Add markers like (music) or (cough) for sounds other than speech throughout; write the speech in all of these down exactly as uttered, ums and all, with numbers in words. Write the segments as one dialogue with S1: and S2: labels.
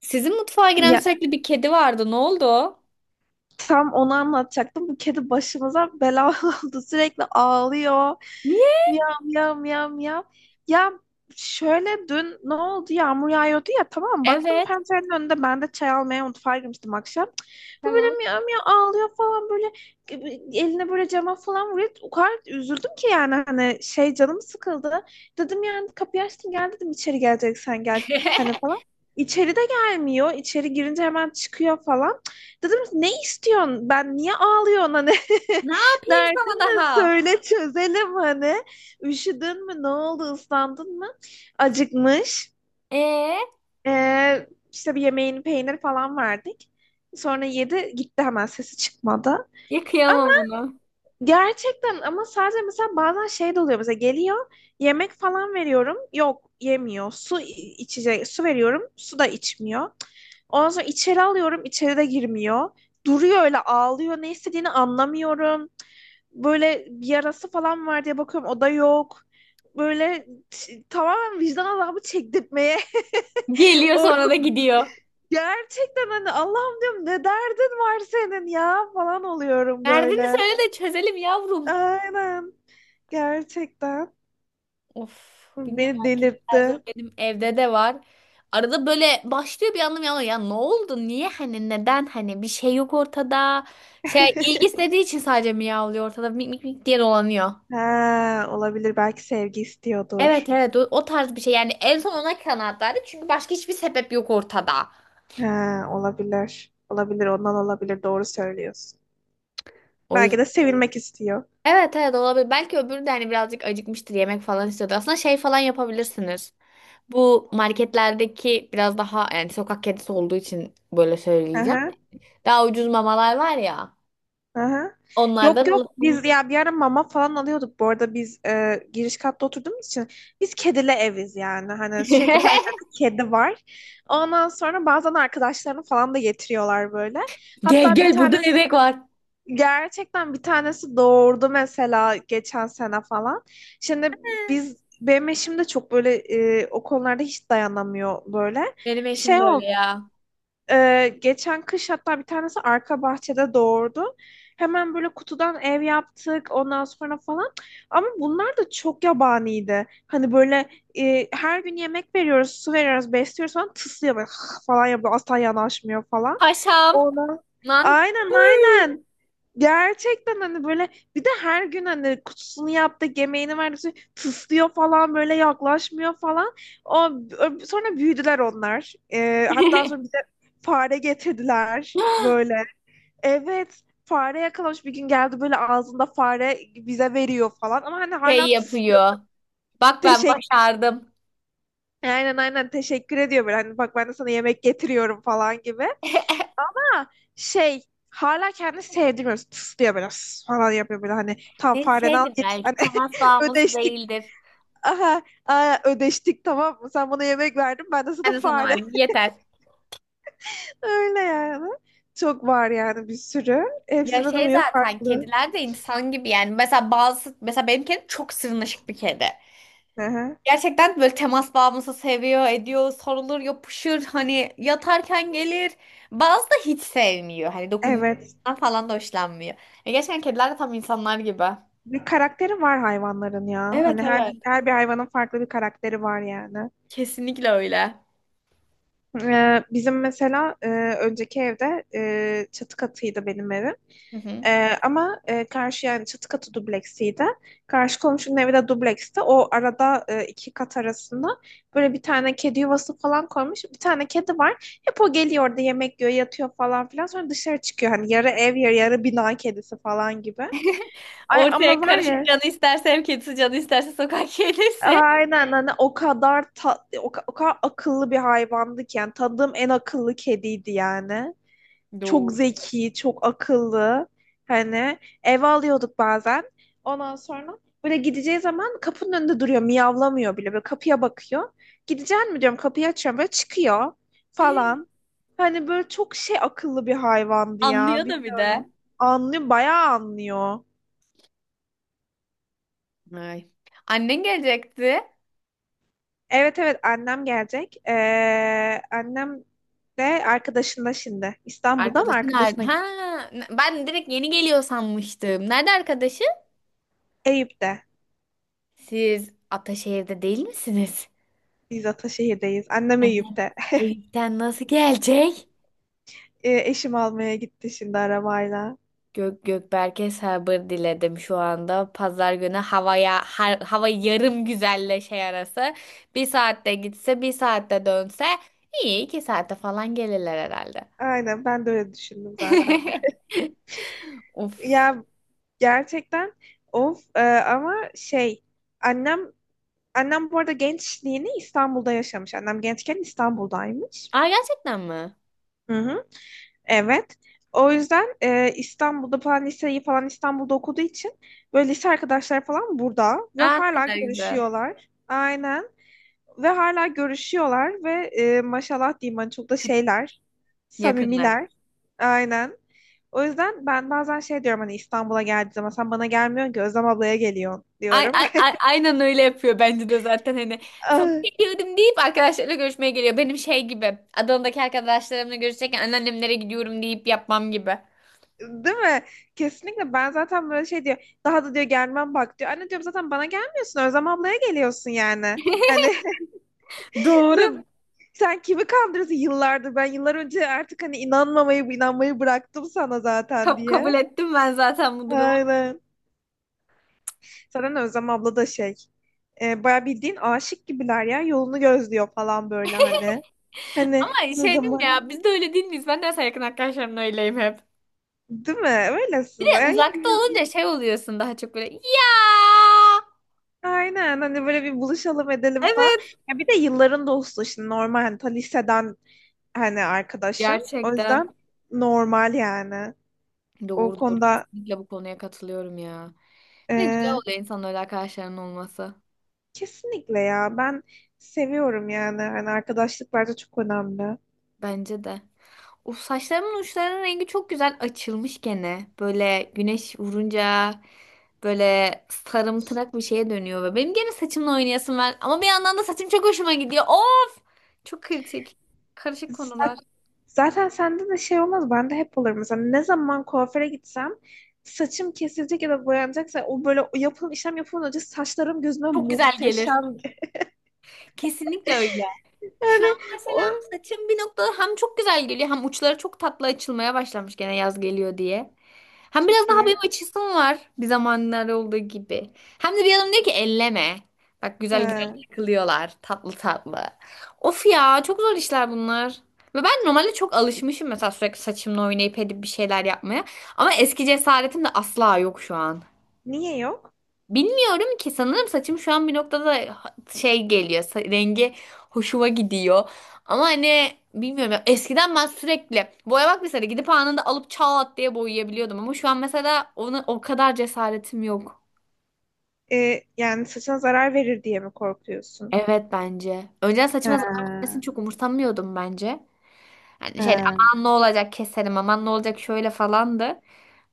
S1: Sizin mutfağa giren
S2: Ya
S1: sürekli bir kedi vardı. Ne oldu o?
S2: tam onu anlatacaktım. Bu kedi başımıza bela (laughs) oldu. Sürekli ağlıyor.
S1: Niye?
S2: Miyav miyav miyav miyav. Ya şöyle dün ne oldu? Yağmur yağıyordu ya, tamam, baktım
S1: Evet.
S2: pencerenin önünde. Ben de çay almaya mutfağa girmiştim akşam. Bu böyle
S1: Tamam.
S2: miyav miyav ağlıyor falan, böyle eline böyle cama falan vuruyor. O kadar üzüldüm ki yani, hani şey, canım sıkıldı. Dedim yani, kapıyı açtım, gel dedim, içeri geleceksen gel hani
S1: (laughs)
S2: falan. İçeri de gelmiyor. İçeri girince hemen çıkıyor falan. Dedim ne istiyorsun? Ben niye ağlıyorsun hani?
S1: Ne
S2: (laughs)
S1: yapayım
S2: Derdin
S1: sana
S2: ne?
S1: daha?
S2: Söyle çözelim hani. Üşüdün mü? Ne oldu? Islandın mı? Acıkmış.
S1: Ee,
S2: Ee, işte bir yemeğini peynir falan verdik. Sonra yedi gitti, hemen sesi çıkmadı.
S1: ya onu.
S2: Gerçekten, ama sadece mesela bazen şey de oluyor. Mesela geliyor, yemek falan veriyorum. Yok, yemiyor. Su i- içecek, su veriyorum. Su da içmiyor. Ondan sonra içeri alıyorum. İçeri de girmiyor. Duruyor öyle, ağlıyor. Ne istediğini anlamıyorum. Böyle bir yarası falan var diye bakıyorum. O da yok. Böyle t- tamamen vicdan azabı çektirtmeye (laughs)
S1: Geliyor
S2: orada,
S1: sonra da gidiyor.
S2: gerçekten hani Allah'ım diyorum, ne derdin var senin ya falan oluyorum
S1: Derdini
S2: böyle.
S1: söyle de çözelim yavrum.
S2: Aynen. Gerçekten
S1: Of, bilmiyorum
S2: beni
S1: her zor
S2: delirtti.
S1: benim evde de var. Arada böyle başlıyor bir anlam ya. Ya ne oldu? Niye hani neden hani bir şey yok ortada. Şey ilgi
S2: (laughs)
S1: istediği için sadece miyavlıyor ortada mik mik mik diye dolanıyor.
S2: Ha, olabilir. Belki sevgi
S1: Evet
S2: istiyordur.
S1: evet o, o tarz bir şey yani en son ona kanaat çünkü başka hiçbir sebep yok ortada.
S2: Ha, olabilir. Olabilir. Ondan olabilir. Doğru söylüyorsun.
S1: O
S2: Belki de
S1: yüzden.
S2: sevilmek istiyor.
S1: Evet evet olabilir. Belki öbürü de hani birazcık acıkmıştır yemek falan istiyordur. Aslında şey falan yapabilirsiniz. Bu marketlerdeki biraz daha yani sokak kedisi olduğu için böyle söyleyeceğim.
S2: Aha,
S1: Daha ucuz mamalar var ya.
S2: aha.
S1: Onlardan
S2: Yok yok, biz
S1: alıp-
S2: ya bir ara mama falan alıyorduk. Bu arada biz e, giriş katta oturduğumuz için biz kedili eviz yani. Hani sürekli her
S1: (laughs)
S2: tarafta kedi var. Ondan sonra bazen arkadaşlarını falan da getiriyorlar böyle.
S1: Gel
S2: Hatta bir
S1: gel burada
S2: tane
S1: bebek var.
S2: Gerçekten bir tanesi doğurdu mesela, geçen sene falan. Şimdi biz, benim eşim de çok böyle e, o konularda hiç dayanamıyor böyle.
S1: Benim eşim
S2: Şey
S1: de öyle
S2: oldu.
S1: ya.
S2: e, geçen kış hatta bir tanesi arka bahçede doğurdu. Hemen böyle kutudan ev yaptık, ondan sonra falan. Ama bunlar da çok yabaniydi. Hani böyle e, her gün yemek veriyoruz, su veriyoruz, besliyoruz falan, tıslıyor böyle, (laughs) falan yapıyor. Asla yanaşmıyor falan.
S1: Paşam.
S2: Ona
S1: Lan.
S2: Aynen aynen. Gerçekten hani böyle, bir de her gün hani kutusunu yaptı, yemeğini verdik, tıslıyor falan, böyle yaklaşmıyor falan. O, ö- sonra büyüdüler onlar. Ee, hatta sonra
S1: (laughs)
S2: bize fare getirdiler böyle. Evet, fare yakalamış. Bir gün geldi böyle ağzında fare, bize veriyor falan. Ama hani
S1: Şey
S2: hala tıslıyor.
S1: yapıyor. Bak ben
S2: Teşekkür,
S1: başardım.
S2: aynen aynen teşekkür ediyor böyle, hani bak ben de sana yemek getiriyorum falan gibi. Ama şey, hala kendini sevdirmiyor. Tıslıyor biraz falan yapıyor böyle, hani tam
S1: Ne
S2: fareden al
S1: şeydir
S2: git. Hani
S1: belki temas
S2: (laughs)
S1: bağımlısı
S2: ödeştik.
S1: değildir.
S2: Aha, aa, ödeştik, tamam mı? Sen bana yemek verdin, ben de sana
S1: Yani sana
S2: fare.
S1: ben yeter.
S2: (laughs) Öyle yani. Çok var yani, bir sürü.
S1: Ya
S2: Hepsinin
S1: şey
S2: huyu
S1: zaten
S2: farklı.
S1: kediler de insan gibi yani. Mesela bazı mesela benim kedim çok sırnaşık bir kedi.
S2: Aha,
S1: Gerçekten böyle temas bağımlısı seviyor, ediyor, sarılır, yapışır. Hani yatarken gelir. Bazı da hiç sevmiyor. Hani
S2: evet.
S1: dokunmaktan falan da hoşlanmıyor. Ya gerçekten kediler de tam insanlar gibi.
S2: Bir karakteri var hayvanların ya.
S1: Evet
S2: Hani her,
S1: evet.
S2: her bir hayvanın farklı bir karakteri var yani.
S1: Kesinlikle öyle.
S2: Ee, bizim mesela e, önceki evde e, çatı katıydı benim evim.
S1: Hı hı.
S2: Ee, ama e, karşı yani, çatı katı dubleksiydi. Karşı komşunun evi de dubleksti. O arada e, iki kat arasında böyle bir tane kedi yuvası falan koymuş. Bir tane kedi var. Hep o geliyor orada, yemek yiyor, yatıyor falan filan. Sonra dışarı çıkıyor. Hani yarı ev, yarı, yarı bina kedisi falan gibi. Ay
S1: Ortaya
S2: ama var
S1: karışık
S2: ya,
S1: canı isterse ev kedisi, canı isterse sokak kedisi.
S2: aynen, hani o kadar ta- o, ka- o kadar akıllı bir hayvandı ki yani, tanıdığım en akıllı kediydi yani. Çok
S1: Doğru.
S2: zeki, çok akıllı. Hani eve alıyorduk bazen. Ondan sonra böyle gideceği zaman kapının önünde duruyor. Miyavlamıyor bile. Böyle kapıya bakıyor. Gideceğim mi diyorum, kapıyı açıyorum. Böyle çıkıyor
S1: (laughs)
S2: falan. Hani böyle çok şey, akıllı bir hayvandı ya.
S1: Anlıyor da bir de.
S2: Bilmiyorum. Anlıyor. Bayağı anlıyor.
S1: Ay. Annen gelecekti.
S2: Evet evet, annem gelecek. Ee, annem de arkadaşında şimdi. İstanbul'da mı
S1: Arkadaşın nerede?
S2: arkadaşına
S1: Ha,
S2: gitti?
S1: ben direkt yeni geliyor sanmıştım. Nerede arkadaşı?
S2: Eyüp'te.
S1: Siz Ataşehir'de değil misiniz?
S2: Biz Ataşehir'deyiz. Annem
S1: Anne
S2: Eyüp'te.
S1: Eyüp'ten nasıl gelecek?
S2: E, eşim almaya gitti şimdi arabayla.
S1: Gök Gökberk'e sabır diledim şu anda. Pazar günü havaya har- hava yarım güzelle şey arası. Bir saatte gitse, bir saatte dönse iyi iki saate falan gelirler herhalde.
S2: Aynen, ben de öyle düşündüm zaten.
S1: (laughs)
S2: (laughs)
S1: Of.
S2: Ya gerçekten of, e, ama şey, annem annem bu arada gençliğini İstanbul'da yaşamış. Annem gençken İstanbul'daymış.
S1: Aa gerçekten mi?
S2: Hı hı, evet. O yüzden e, İstanbul'da falan, liseyi falan İstanbul'da okuduğu için böyle lise arkadaşlar falan burada, ve
S1: Aa ne
S2: hala
S1: kadar güzel.
S2: görüşüyorlar. Aynen. Ve hala görüşüyorlar ve e, maşallah diyeyim, hani çok da şeyler,
S1: Yakınlar.
S2: samimiler. Aynen. O yüzden ben bazen şey diyorum, hani İstanbul'a geldiği zaman sen bana gelmiyorsun ki, Özlem ablaya geliyorsun
S1: Ay,
S2: diyorum.
S1: ay,
S2: (laughs)
S1: ay- aynen öyle yapıyor bence de zaten hani sana
S2: Ah,
S1: geliyorum deyip arkadaşlarıyla görüşmeye geliyor. Benim şey gibi Adana'daki arkadaşlarımla görüşecekken anneannemlere gidiyorum deyip yapmam gibi.
S2: değil mi? Kesinlikle, ben zaten böyle şey diyor. Daha da diyor gelmem bak diyor. Anne diyorum, zaten bana gelmiyorsun, Özlem ablaya geliyorsun yani. Hani (laughs)
S1: Doğru.
S2: sen, sen kimi kandırırsın yıllardır? Ben yıllar önce artık hani inanmamayı inanmayı bıraktım sana zaten,
S1: Ka- kabul
S2: diye.
S1: ettim ben zaten bu durumu.
S2: Aynen. Zaten Özlem abla da şey. E, baya bildiğin aşık gibiler ya. Yolunu gözlüyor falan böyle hani. Hani
S1: Ama
S2: ne
S1: şey dedim ya
S2: zaman?
S1: biz de öyle değil miyiz? Ben de mesela yakın arkadaşlarımla öyleyim hep.
S2: Değil mi?
S1: Bir
S2: Öylesin.
S1: de
S2: Ay,
S1: uzakta olunca şey oluyorsun daha çok böyle ya.
S2: aynen. Hani böyle, bir buluşalım edelim falan.
S1: Evet.
S2: Ya bir de yılların dostu şimdi, normal. Hani ta liseden hani arkadaşın. O
S1: Gerçekten.
S2: yüzden normal yani. O
S1: Doğru doğru
S2: konuda
S1: kesinlikle bu konuya katılıyorum ya. Bir de güzel
S2: e,
S1: oluyor insanın öyle arkadaşlarının olması.
S2: kesinlikle ya. Ben seviyorum yani. Hani arkadaşlık bence çok önemli.
S1: Bence de. O saçlarımın uçlarının rengi çok güzel açılmış gene. Böyle güneş vurunca böyle sarımtırak bir şeye dönüyor ve benim gene saçımla oynayasım var. Ama bir yandan da saçım çok hoşuma gidiyor. Oo, çok kritik. Karışık
S2: Sen
S1: konular.
S2: Zaten sende de şey olmaz. Bende hep olur. Mesela ne zaman kuaföre gitsem, saçım kesilecek ya da boyanacaksa, o böyle, o yapılan işlem yapılmadan önce saçlarım gözüme
S1: Çok güzel gelir.
S2: muhteşem. (laughs)
S1: Kesinlikle öyle. Şu an
S2: Yani
S1: mesela
S2: o
S1: saçım bir noktada hem çok güzel geliyor hem uçları çok tatlı açılmaya başlamış gene yaz geliyor diye. Hem biraz
S2: çok
S1: daha benim
S2: iyi.
S1: açısım var bir zamanlar olduğu gibi. Hem de bir adam diyor ki elleme. Bak güzel güzel
S2: Ha.
S1: takılıyorlar tatlı tatlı. Of ya çok zor işler bunlar. Ve ben normalde çok alışmışım mesela sürekli saçımla oynayıp edip bir şeyler yapmaya. Ama eski cesaretim de asla yok şu an.
S2: Niye yok?
S1: Bilmiyorum ki sanırım saçım şu an bir noktada ha- şey geliyor sa- rengi hoşuma gidiyor ama hani bilmiyorum ya eskiden ben sürekli boyamak mesela gidip anında alıp çat diye boyayabiliyordum ama şu an mesela ona o kadar cesaretim yok.
S2: Ee, yani saçına zarar verir diye mi korkuyorsun?
S1: Evet bence. Önceden saçıma zarar vermesini
S2: Ha,
S1: çok umursamıyordum bence. Yani şey
S2: ha,
S1: aman ne olacak keserim aman ne olacak şöyle falandı.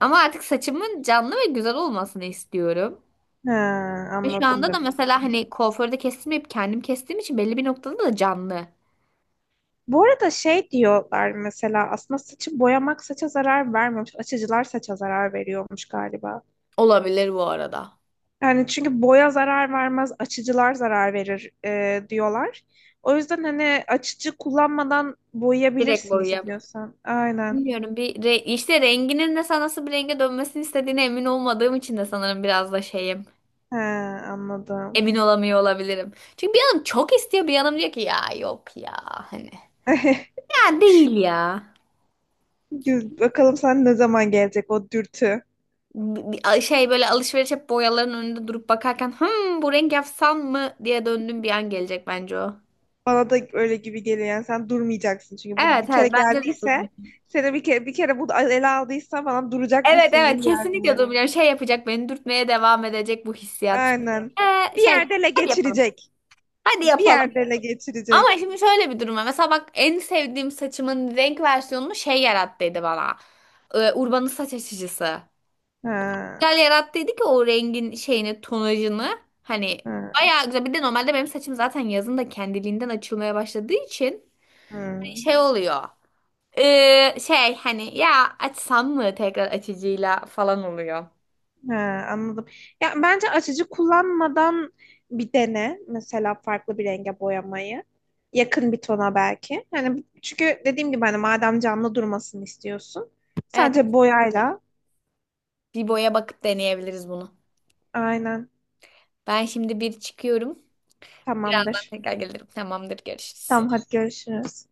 S1: Ama artık saçımın canlı ve güzel olmasını istiyorum.
S2: ha,
S1: Ve şu
S2: anladım,
S1: anda da
S2: demek
S1: mesela
S2: istedim.
S1: hani kuaförde kestirmeyip kendim kestiğim için belli bir noktada da canlı.
S2: Bu arada şey diyorlar mesela, aslında saçı boyamak saça zarar vermiyormuş. Açıcılar saça zarar veriyormuş galiba.
S1: Olabilir bu arada.
S2: Yani çünkü boya zarar vermez, açıcılar zarar verir e, diyorlar. O yüzden hani açıcı kullanmadan
S1: Direkt
S2: boyayabilirsin
S1: boyayıp.
S2: istiyorsan. Aynen.
S1: Bilmiyorum bir re- işte renginin de sana nasıl bir renge dönmesini istediğine emin olmadığım için de sanırım biraz da şeyim.
S2: He, anladım.
S1: Emin olamıyor olabilirim. Çünkü bir yanım çok istiyor bir yanım diyor ki ya yok ya hani.
S2: (laughs)
S1: Ya değil ya.
S2: Güz- Bakalım sen ne zaman gelecek o dürtü.
S1: B- bir- Şey böyle alışveriş hep boyaların önünde durup bakarken hımm bu renk yapsam mı diye döndüğüm bir an gelecek bence o.
S2: Bana da öyle gibi geliyor. Yani sen durmayacaksın, çünkü bu bir
S1: Evet
S2: kere
S1: evet bence de.
S2: geldiyse, seni bir kere bir kere bu ele aldıysa, bana
S1: Evet
S2: duracakmışsın gibi
S1: evet kesinlikle
S2: gelmiyor.
S1: durmuyor. Şey yapacak beni dürtmeye devam edecek bu hissiyat. Çünkü,
S2: Aynen.
S1: Ee,
S2: Bir
S1: şey
S2: yerde ele
S1: hadi yapalım.
S2: geçirecek.
S1: Hadi
S2: Bir
S1: yapalım.
S2: yerde ele
S1: Ama
S2: geçirecek.
S1: şimdi şöyle bir durum var. Mesela bak en sevdiğim saçımın renk versiyonunu şey yarattıydı bana. Ee, Urban'ın saç açıcısı.
S2: Ha,
S1: Güzel yarattıydı ki o rengin şeyini tonajını. Hani
S2: ha,
S1: bayağı güzel. Bir de normalde benim saçım zaten yazın da kendiliğinden açılmaya başladığı için
S2: ha.
S1: hani şey oluyor. Ee, şey hani ya açsam mı tekrar açıcıyla falan oluyor.
S2: He, anladım. Ya bence açıcı kullanmadan bir dene, mesela farklı bir renge boyamayı. Yakın bir tona belki. Yani çünkü dediğim gibi, hani madem canlı durmasını istiyorsun,
S1: Evet.
S2: sadece boyayla.
S1: Bibo'ya bakıp deneyebiliriz bunu.
S2: Aynen,
S1: Ben şimdi bir çıkıyorum. Birazdan
S2: tamamdır.
S1: tekrar gelirim. Tamamdır, görüşürüz.
S2: Tamam, hadi görüşürüz.